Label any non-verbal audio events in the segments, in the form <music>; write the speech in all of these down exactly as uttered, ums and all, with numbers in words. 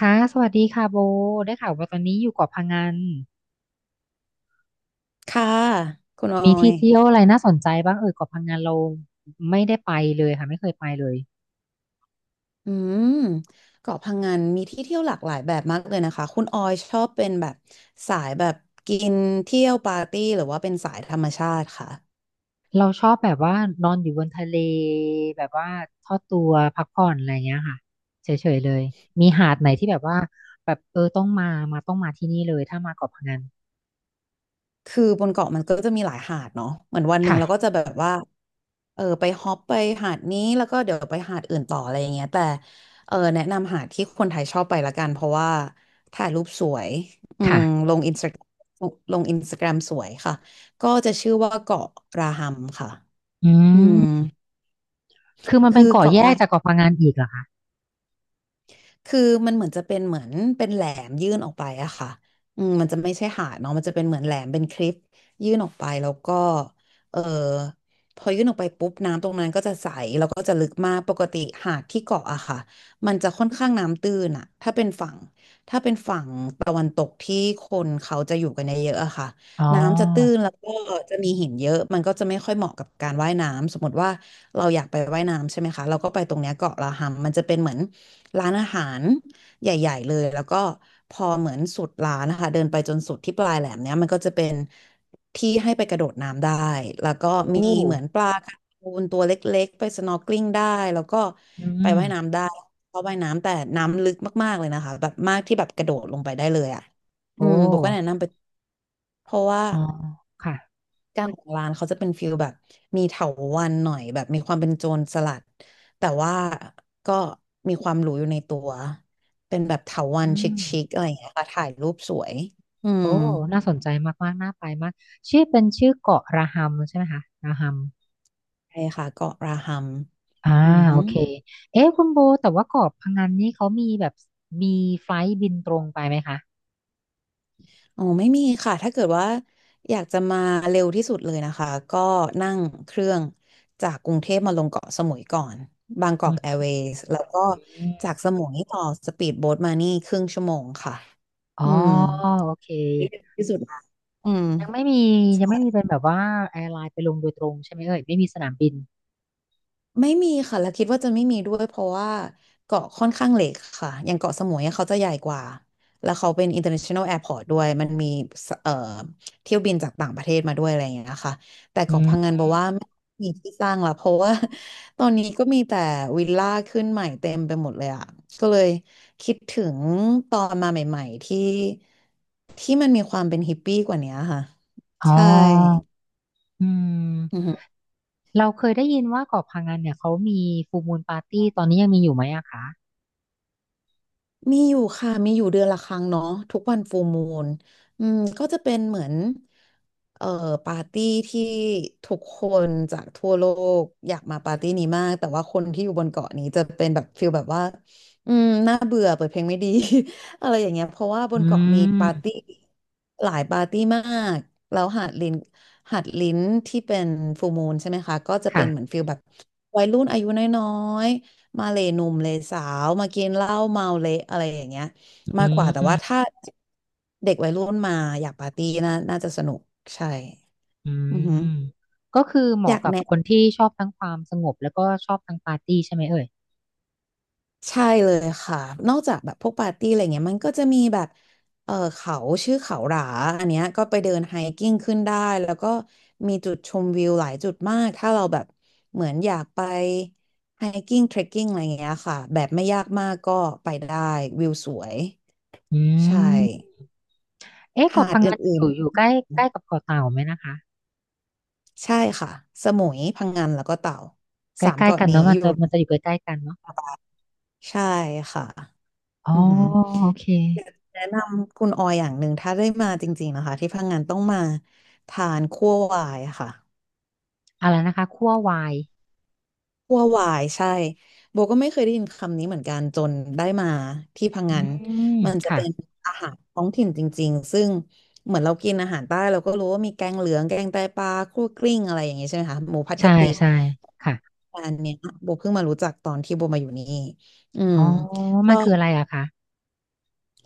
ค่ะสวัสดีค่ะโบได้ข่าวว่าตอนนี้อยู่เกาะพะงันค่ะคุณออมียที่เที่ยวอะไรน่าสนใจบ้างเออเกาะพะงันเราไม่ได้ไปเลยค่ะไม่เคยไปเลยอืมเกาะพังงานมีที่เที่ยวหลากหลายแบบมากเลยนะคะคุณออยชอบเป็นแบบสายแบบกินเที่ยวปาร์ตี้หรือว่าเป็นสายธรรมชาติค่ะเราชอบแบบว่านอนอยู่บนทะเลแบบว่าทอดตัวพักผ่อนอะไรเงี้ยค่ะเฉยๆเลยมีหาดไหนที่แบบว่าแบบเออต้องมามาต้องมาที่นี่เลยถ้ามาเกาะพะงันคือบนเกาะมันก็จะมีหลายหาดเนาะเหมือนวันหนึ่งค่ะเราก็จะแบบว่าเออไปฮอปไปหาดนี้แล้วก็เดี๋ยวไปหาดอื่นต่ออะไรอย่างเงี้ยแต่เออแนะนำหาดที่คนไทยชอบไปละกันเพราะว่าถ่ายรูปสวยอืมค่ะลงอินสตาลงอินสตาแกรมสวยค่ะก็จะชื่อว่าเกาะราฮัมค่ะ อือืมมคือมันคืเป็นอเกาะเกาะแยกละจากเกาะพะงันอีกเหรอคะคือมันเหมือนจะเป็นเหมือนเป็นแหลมยื่นออกไปอะค่ะอืมมันจะไม่ใช่หาดเนาะมันจะเป็นเหมือนแหลมเป็นคลิปยื่นออกไปแล้วก็เออพอยื่นออกไปปุ๊บน้ำตรงนั้นก็จะใสแล้วก็จะลึกมากปกติหาดที่เกาะอะค่ะมันจะค่อนข้างน้ำตื้นอะถ้าเป็นฝั่งถ้าเป็นฝั่งตะวันตกที่คนเขาจะอยู่กันเยอะๆอะค่ะอ๋อน้ำจะตื้นแล้วก็จะมีหินเยอะมันก็จะไม่ค่อยเหมาะกับการว่ายน้ำสมมติว่า เราอยากไปว่ายน้ำใช่ไหมคะเราก็ไปตรงเนี้ยเกาะลาฮัมมันจะเป็นเหมือนร้านอาหารใหญ่ๆเลยแล้วก็พอเหมือนสุดร้านนะคะเดินไปจนสุดที่ปลายแหลมเนี้ยมันก็จะเป็นที่ให้ไปกระโดดน้ำได้แล้วก็โอมีเหมือน้ปลาการ์ตูนตัวเล็กๆไปสน o r k ก l ิ n งได้แล้วก็อืไปมว่ายน้ำได้เพราะว่ายน้ำแต่น้ำลึกมากๆเลยนะคะแบบมากที่แบบกระโดดลงไปได้เลยอ่ะอืโอ้มโบก็แนะนำไปเพราะว่า อ๋อค่ะการของร้านเขาจะเป็นฟิลแบบมีเถาวัลย์หน่อยแบบมีความเป็นโจรสลัดแต่ว่าก็มีความหรูอยู่ในตัวเป็นแบบเถาวัอืลย์ชม ิคๆอะไรอย่างเงี้ยค่ะถ่ายรูปสวยอืมโอ้น่าสนใจมากๆน่าไปมาก ชื่อเป็นชื่อเกาะระหัมใช่ไหมคะระหัมใช่ค่ะเกาะราฮัมอ่าอืมอโอเคเอ๊ะคุณโบแต่ว่าเกาะพะงันนี่เขามีแบบมีไฟล์บินตรงไปไหมคะอ๋อไม่มีค่ะถ้าเกิดว่าอยากจะมาเร็วที่สุดเลยนะคะก็นั่งเครื่องจากกรุงเทพมาลงเกาะสมุยก่อนบางกอือกแอร์มเวย์สแล้วก็จากสมุยต่อสปีดโบ๊ทมานี่ครึ่งชั่วโมงค่ะอ๋ออืม โอเค ที่ดีที่สุดละอืมยังไม่มียังใช่ไม่มีเป็นแบบว่าแอร์ไลน์ไปลงโดยตรงใช่ไหมเอ่ยไม่มีสนามบินไม่มีค่ะแล้วคิดว่าจะไม่มีด้วยเพราะว่าเกาะค่อนข้างเล็กค่ะอย่างเกาะสมุยอะเขาจะใหญ่กว่าแล้วเขาเป็น international airport ด้วยมันมีสเอ่อเที่ยวบินจากต่างประเทศมาด้วยอะไรอย่างเงี้ยค่ะแต่อืเกาะพังมงานบอกว่าไม่มีที่สร้างละเพราะว่า <laughs> ตอนนี้ก็มีแต่วิลล่าขึ้นใหม่เต็มไปหมดเลยอ่ะก็เลยคิดถึงตอนมาใหม่ๆที่ที่มันมีความเป็นฮิปปี้กว่านี้ค่ะอ๋ใช่ออืมอือฮึ เราเคยได้ยินว่าเกาะพะงันเนี่ยเขามีฟูมูลปาร์ตี้ตอนนี้ยังมีอยู่ไหมอะคะมีอยู่ค่ะมีอยู่เดือนละครั้งเนาะทุกวันฟูลมูนอืมก็จะเป็นเหมือนเอ่อปาร์ตี้ที่ทุกคนจากทั่วโลกอยากมาปาร์ตี้นี้มากแต่ว่าคนที่อยู่บนเกาะนี้จะเป็นแบบฟิลแบบว่าอืมน่าเบื่อเปิดเพลงไม่ดี <laughs> อะไรอย่างเงี้ยเพราะว่าบอืนเกาะมีปาร์มตี้หลายปาร์ตี้มากแล้วหาดลิ้นหาดลิ้นที่เป็นฟูลมูนใช่ไหมคะก็จะเป็ค่ะนเหมือนฟิลแบบวัยรุ่นอายุน้อย มาเลหนุ่มเลยสาวมากินเหล้าเมาเละอะไรอย่างเงี้ยอืมากกว่าแต่ม ว่าถ้าเด็กวัยรุ่นมาอยากปาร์ตี้นะน่าจะสนุกใช่อือือหือมก็คือเหอมาะยากกับแนะคนที่ชอบทั้งความสงบแล้วก็ชอบทั้งปาร์ตี้ใช่ไหมเอ่ยใช่เลยค่ะนอกจากแบบพวกปาร์ตี้อะไรเงี้ยมันก็จะมีแบบเออเขาชื่อเขาหราอันเนี้ยก็ไปเดินไฮกิ้งขึ้นได้แล้วก็มีจุดชมวิวหลายจุดมากถ้าเราแบบเหมือนอยากไปไฮกิ้งเทรคกิ้งอะไรเงี้ยค่ะแบบไม่ยากมากก็ไปได้วิวสวยอืใช่ มเอ๊ะเกาะหาดพังองานอื่นยู่อยู่ใกล้ใกล้กับเกาะเต่าไหมนะคะๆใช่ค่ะสมุยพังงานแล้วก็เต่าใกสามล้ๆเกาะกันนี้เนาะมัอนยู่จะมันจะอยู่ใกล้ๆกันเนาะใช่ค่ะอ๋อืออหือโอเคแนะนำคุณออยอย่างหนึ่งถ้าได้มาจริงๆนะคะที่พังงานต้องมาทานคั่ววายค่ะ อะไรนะคะคั่ววายวัวหวายใช่โบก็ไม่เคยได้ยินคำนี้เหมือนกันจนได้มาที่พังอืงานมมันจะค่ะเป็นอาหารท้องถิ่นจริงๆซึ่งเหมือนเรากินอาหารใต้เราก็รู้ว่ามีแกงเหลืองแกงไตปลาคั่วกลิ้งอะไรอย่างงี้ใช่ไหมคะหมูผัดกะใช่ปิใช่ค่ะอันเนี้ยโบเพิ่งมารู้จักตอนที่โบมาอยู่นี่อืมอ๋อมัก็นคืออะไรอะคะ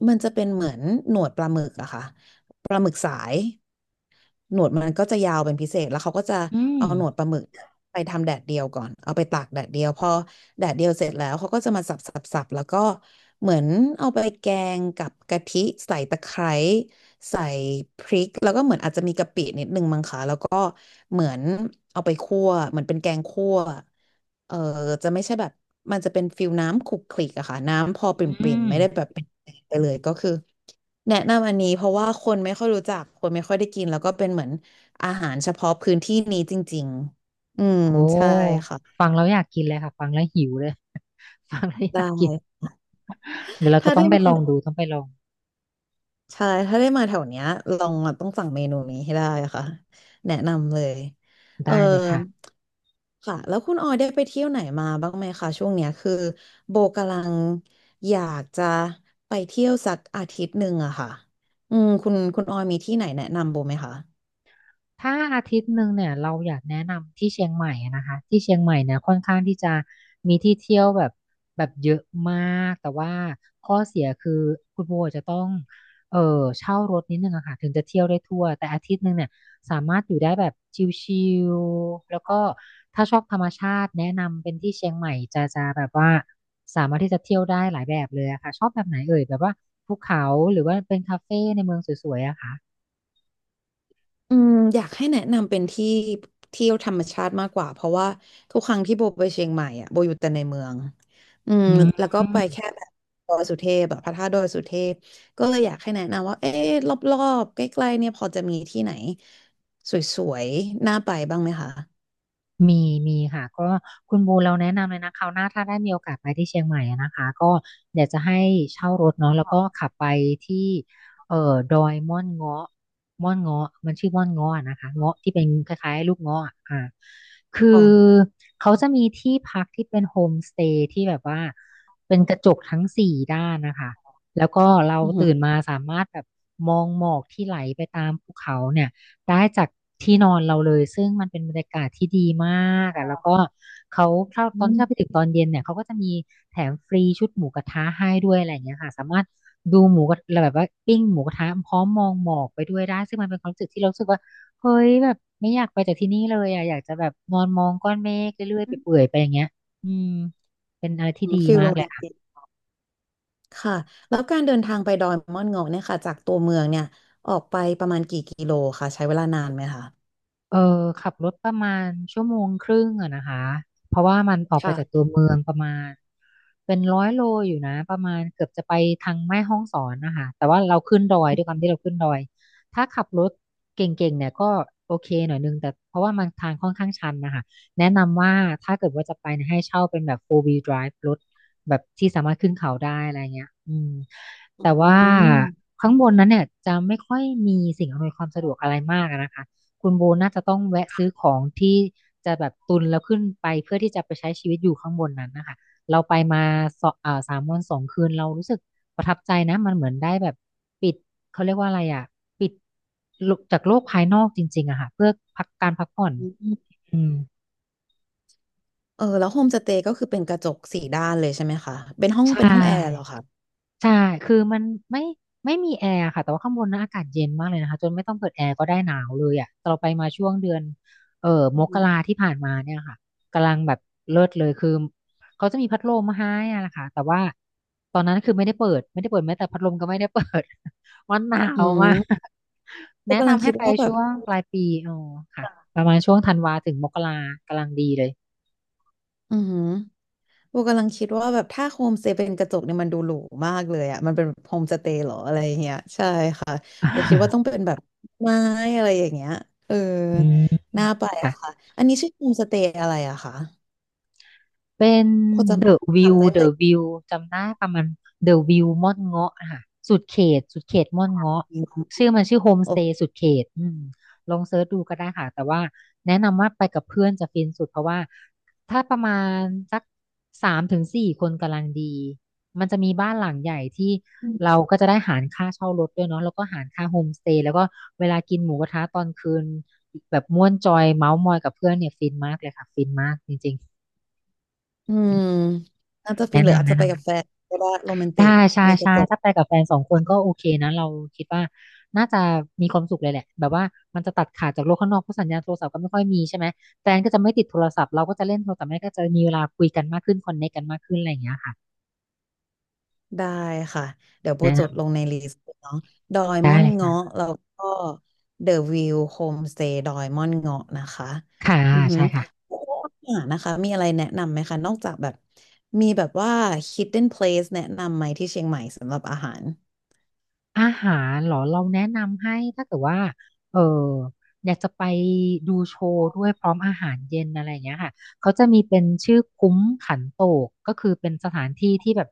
มันจะเป็นเหมือนหนวดปลาหมึกอะค่ะปลาหมึกสาย หนวดมันก็จะยาวเป็นพิเศษแล้วเขาก็จะอืมเอาหนวดปลาหมึกไปทำแดดเดียวก่อนเอาไปตากแดดเดียวพอแดดเดียวเสร็จแล้วเขาก็จะมาสับสับสับแล้วก็เหมือนเอาไปแกงกับกะทิใส่ตะไคร้ใส่พริกแล้วก็เหมือนอาจจะมีกะปินิดนึงมั้งคะแล้วก็เหมือนเอาไปคั่วเหมือนเป็นแกงคั่วเออจะไม่ใช่แบบมันจะเป็นฟิลน้ำขลุกขลิกอะค่ะน้ำพอปรอืิ่มมๆไม่ได้แบบเป็นแกงไปเลยก็คือ แนะนำอันนี้เพราะว่าคนไม่ค่อยรู้จักคนไม่ค่อยได้กินแล้วก็เป็นเหมือนอาหารเฉพาะพื้นที่นี้จริงๆอืมโอ้ใช่ค่ะฟังแล้วอยากกินเลยค่ะฟังแล้วหิวเลย <laughs> ฟังแล้วอได้ยากกินเดี๋ยวเราจะถ้าต้อได้งไปมาลองดูต้องไปลองใช่ถ้าได้มาแถวเนี้ยลองมาต้องสั่งเมนูนี้ให้ได้ค่ะแนะนำเลยเออได้เลยค่ะ ค่ะแล้วคุณออยได้ไปเที่ยวไหนมาบ้างไหมคะช่วงเนี้ยคือโบกำลังอยากจะไปเที่ยวสักอาทิตย์หนึ่งอะค่ะอืมคุณคุณออยมีที่ไหนแนะนำโบไหมคะ ถ้าอาทิตย์หนึ่งเนี่ยเราอยากแนะนำที่เชียงใหม่อะนะคะที่เชียงใหม่เนี่ยค่อนข้างที่จะมีที่เที่ยวแบบแบบเยอะมากแต่ว่าข้อเสียคือคุณโบจะต้องเออเช่ารถนิดนึงอะค่ะถึงจะเที่ยวได้ทั่วแต่อาทิตย์หนึ่งเนี่ยสามารถอยู่ได้แบบชิลๆแล้วก็ถ้าชอบธรรมชาติแนะนำเป็นที่เชียงใหม่จะจะแบบว่าสามารถที่จะเที่ยวได้หลายแบบเลยอะค่ะชอบแบบไหนเอ่ยแบบว่าภูเขาหรือว่าเป็นคาเฟ่ในเมืองสวยๆอะค่ะอืมอยากให้แนะนำเป็นที่เที่ยวธรรมชาติมากกว่าเพราะว่าทุกครั้งที่โบไปเชียงใหม่อะโบอยู่แต่ในเมืองอืมอืม แล้วก็ไปแค่แบบดอยสุเทพแบบพระธาตุดอยสุเทพก็เลยอยากให้แนะนำว่าเอ๊ะรอบๆใกล้ๆเนี่ยพอจะมีที่ไหนสวยๆน่าไปบ้างไหมคะมีมีค่ะก็คุณบูเราแนะนำเลยนะคราวหน้าถ้าได้มีโอกาสไปที่เชียงใหม่อะนะคะก็เดี๋ยวจะให้เช่ารถเนาะแล้วก็ขับไปที่เอ่อดอยม่อนเงาะม่อนเงาะมันชื่อม่อนเงาะอะนะคะเงาะที่เป็นคล้ายๆลูกเงาะอะอ่าคือค่ะเขาจะมีที่พักที่เป็นโฮมสเตย์ที่แบบว่าเป็นกระจกทั้งสี่ด้านนะคะแล้วก็เราอือหือตื่นมาสามารถแบบมองหมอกที่ไหลไปตามภูเขาเนี่ย ได้จากที่นอนเราเลยซึ่งมันเป็นบรรยากาศที่ดีมากอ่ะแล้วก็เขาถ้าตอือนที่มเราไปถึงตอนเย็นเนี่ยเขาก็จะมีแถมฟรีชุดหมูกระทะให้ด้วยอะไรอย่างเงี้ยค่ะสามารถดูหมูกระแบบว่าปิ้งหมูกระทะพร้อมมองหมอกไปด้วยได้ซึ่งมันเป็นความรู้สึกที่เรารู้สึกว่าเฮ้ยแบบไม่อยากไปจากที่นี่เลยอ่ะอยากจะแบบนอนมองก้อนเมฆเรื่อยๆไปเปื่อยๆไปอย่างเงี้ยอืมเป็นอะไรที่ดีฟิลมาโรกเลแมย นติกค่ะแล้วการเดินทางไปดอยม่อนเงาะเนี่ยค่ะจากตัวเมืองเนี่ยออกไปประมาณกี่กิโลคะใช้เวลานานไหมคะเออขับรถประมาณชั่วโมงครึ่งอะนะคะเพราะว่ามันออกไปค่ะจากตัวเมืองประมาณเป็นร้อยโลอยู่นะประมาณเกือบจะไปทางแม่ฮ่องสอนนะคะแต่ว่าเราขึ้นดอยด้วยความที่เราขึ้นดอยถ้าขับรถเก่งๆเนี่ยก็โอเคหน่อยนึงแต่เพราะว่ามันทางค่อนข้างชันนะคะแนะนำว่าถ้าเกิดว่าจะไปเนี่ยให้เช่าเป็นแบบ four wheel drive รถแบบที่สามารถขึ้นเขาได้อะไรเงี้ยอืมแต่ว่าอืข้างบนนั้นเนี่ยจะไม่ค่อยมีสิ่งอำนวยความสะดวกอะไรมากอะนะคะ คุณโบน่าจะต้องแวะซื้อของที่จะแบบตุนแล้วขึ้นไปเพื่อที่จะไปใช้ชีวิตอยู่ข้างบนนั้นนะคะเราไปมาสออ่าสามวันสองคืนเรารู้สึกประทับใจนะมันเหมือนได้แบบปิดเขาเรียกว่าอะไรอ่ะปิดจากโลกภายนอกจริงๆอะค่ะเพื่อพักการพักผ่อนม อืมเออแล้วโฮมสเตย์ก็คือเป็นกระจกสี่ด้านเลยใช่ไหมคะเป็นห้องใช่ เป็นห้องแอร์เหรอคะใช่ คือมันไม่ไม่มีแอร์ค่ะแต่ว่าข้างบนนะอากาศเย็นมากเลยนะคะจนไม่ต้องเปิดแอร์ก็ได้หนาวเลยอ่ะแต่เราไปมาช่วงเดือนเอ่ออืมกมราที่ผ่านมาเนี่ยค่ะกำลังแบบเลิศเลยคือเขาจะมีพัดลมมาให้อะนะคะแต่ว่าตอนนั้นคือไม่ได้เปิดไม่ได้เปิดแม้แต่พัดลมก็ไม่ได้เปิด <laughs> มันหนาอืวมาก มโบแนะกำลังนำให้คิดไปว่าแบบช่วงปลายปีอ๋อค่ะประมาณช่วงธันวาถึงมกรากำลังดีเลย อืมหโบกำลังคิดว่าแบบถ้าโฮมสเตย์เป็นกระจกเนี่ยมันดูหรูมากเลยอ่ะมันเป็นโฮมสเตย์เหรออะไร่เงี้ยใช่ค่ะโบคิดว่าต้องเป็น <laughs> แบบไม้อะไรอย่างเงี้ยเอออืมน่าไปค่ะ ค่ะอันนี้ชื่อโฮมสเตย์อะไรอะคะเป็น พอจะ The View จำได้ไห The ม View จำได้ประมาณ The View ม่อนเงาะอะค่ะสุดเขตสุดเขตม่อนเงาะชื่อมันชื่อโฮมสโอเตย์เคสุดเขตอืมลองเซิร์ชดูก็ได้ค่ะ แต่ว่าแนะนำว่าไปกับเพื่อนจะฟินสุดเพราะว่าถ้าประมาณสักสามถึงสี่คนกำลังดี มันจะมีบ้านหลังใหญ่ที่เราก็จะได้หารค่าเช่ารถด้วยเนาะแล้วก็หารค่าโฮมสเตย์แล้วก็เวลากินหมูกระทะตอนคืนแบบม่วนจอยเมาท์มอยกับเพื่อนเนี่ยฟินมากเลยค่ะฟินมากจริงอืมน่าจะๆฟิแนะนหรืออานำจจะแนะไปนำ กับแฟนก็ได้โรแมนติใช่กใช่มีกใช่ระจก ถ้าไปกับแฟนสองคนก็โอเคนะเราคิดว่าน่าจะมีความสุขเลยแหละ แบบว่ามันจะตัดขาดจากโลกข้างนอกเพราะสัญญาณโทรศัพท์ก็ไม่ค่อยมีใช่ไหม แฟนก็จะไม่ติดโทรศัพท์เราก็จะเล่นโทรศัพท์แม่ก็จะมีเวลาคุยกันมากขึ้นคอนเนคกันมากขึ้นอะไรอย่างเงี้ยค่ะ ได้ค่ะเดี๋ยวโบแนะจนดลงในลิสต์เนาะดอยำได้ม่อนเลยเงาะค่ะแล้วก็เดอะวิวโฮมสเตย์ดอยม่อนเงาะนะคะค่ะอือหือใช่ค่ะ แล้วก็อาหารนะคะมีอะไรแนะนำไหมคะนอกจากแบบมีแบบว่า เอช ไอ ดี ดี อี เอ็น เพลส แนะนำไหมที่เชียงใหม่สำหรับอาหารอาหารเหรอเราแนะนำให้ถ้าเกิดว่าเอออยากจะไปดูโชว์ด้วยพร้อมอาหารเย็นอะไรอย่างเงี้ยค่ะเขาจะมีเป็นชื่อคุ้มขันโตกก็คือเป็นสถานที่ที่แบบ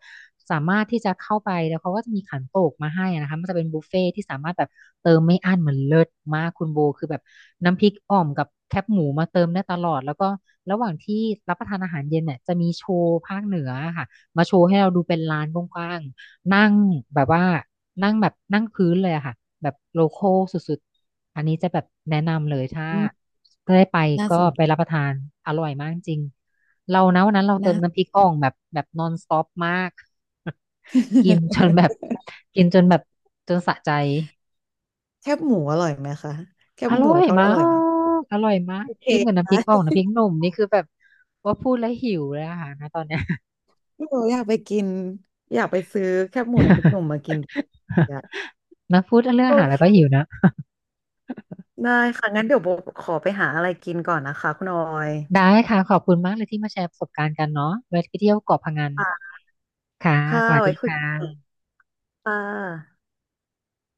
สามารถที่จะเข้าไปแล้วเขาก็จะมีขันโตกมาให้นะคะมันจะเป็นบุฟเฟ่ที่สามารถแบบเติมไม่อั้นเหมือนเลิศมากคุณโบคือแบบน้ำพริกอ่อมกับแคบหมูมาเติมได้ตลอดแล้วก็ระหว่างที่รับประทานอาหารเย็นเนี่ยจะมีโชว์ภาคเหนือค่ะมาโชว์ให้เราดูเป็นลานกว้าง นั่งแบบว่านั่งแบบนั่งพื้นเลยอะค่ะแบบโลคอลสุดๆอันนี้จะแบบแนะนำเลยถ้าอืมถ้าได้ไปน่าก็สนไปรับประทานอร่อยมากจริงเรานะวันนั้นเราเติน่า มน้ำพริกอ่องแบบแบบนอนสต็อปมาก <laughs> กินจนแบบ <laughs> กินจนแบบจนสะใจแคบหมูอร่อยไหมคะแคอบหร่มูอยทอดมาอร่อยไหมกอร่อยมากโอเคจิ้มกับน้ำพนะ ริกอ่องน้ำพริกหนุ่มนี่คือแบบว่าพูดแล้วหิวเลยอะค่ะนะตอนเนี้ย <laughs> หนูอยากไปกินอยากไปซื้อแคบหมูน้ำพริกหนุ่มมากินอยาก <laughs> นะพูดเรื่องโออาหารแล้วก็เค หิวนะ ได้ค่ะงั้นเดี๋ยวโบขอไปหาอะไรกินก่อนนะคะคุณออยได้ค่ะขอบคุณมากเลยที่มาแชร์ประสบการณ์กันเนาะไว้ไปเที่ยวเกาะพะงันค่ะค่ะค่ะสวัสไว้ดีคุยค่ะกันค่ะ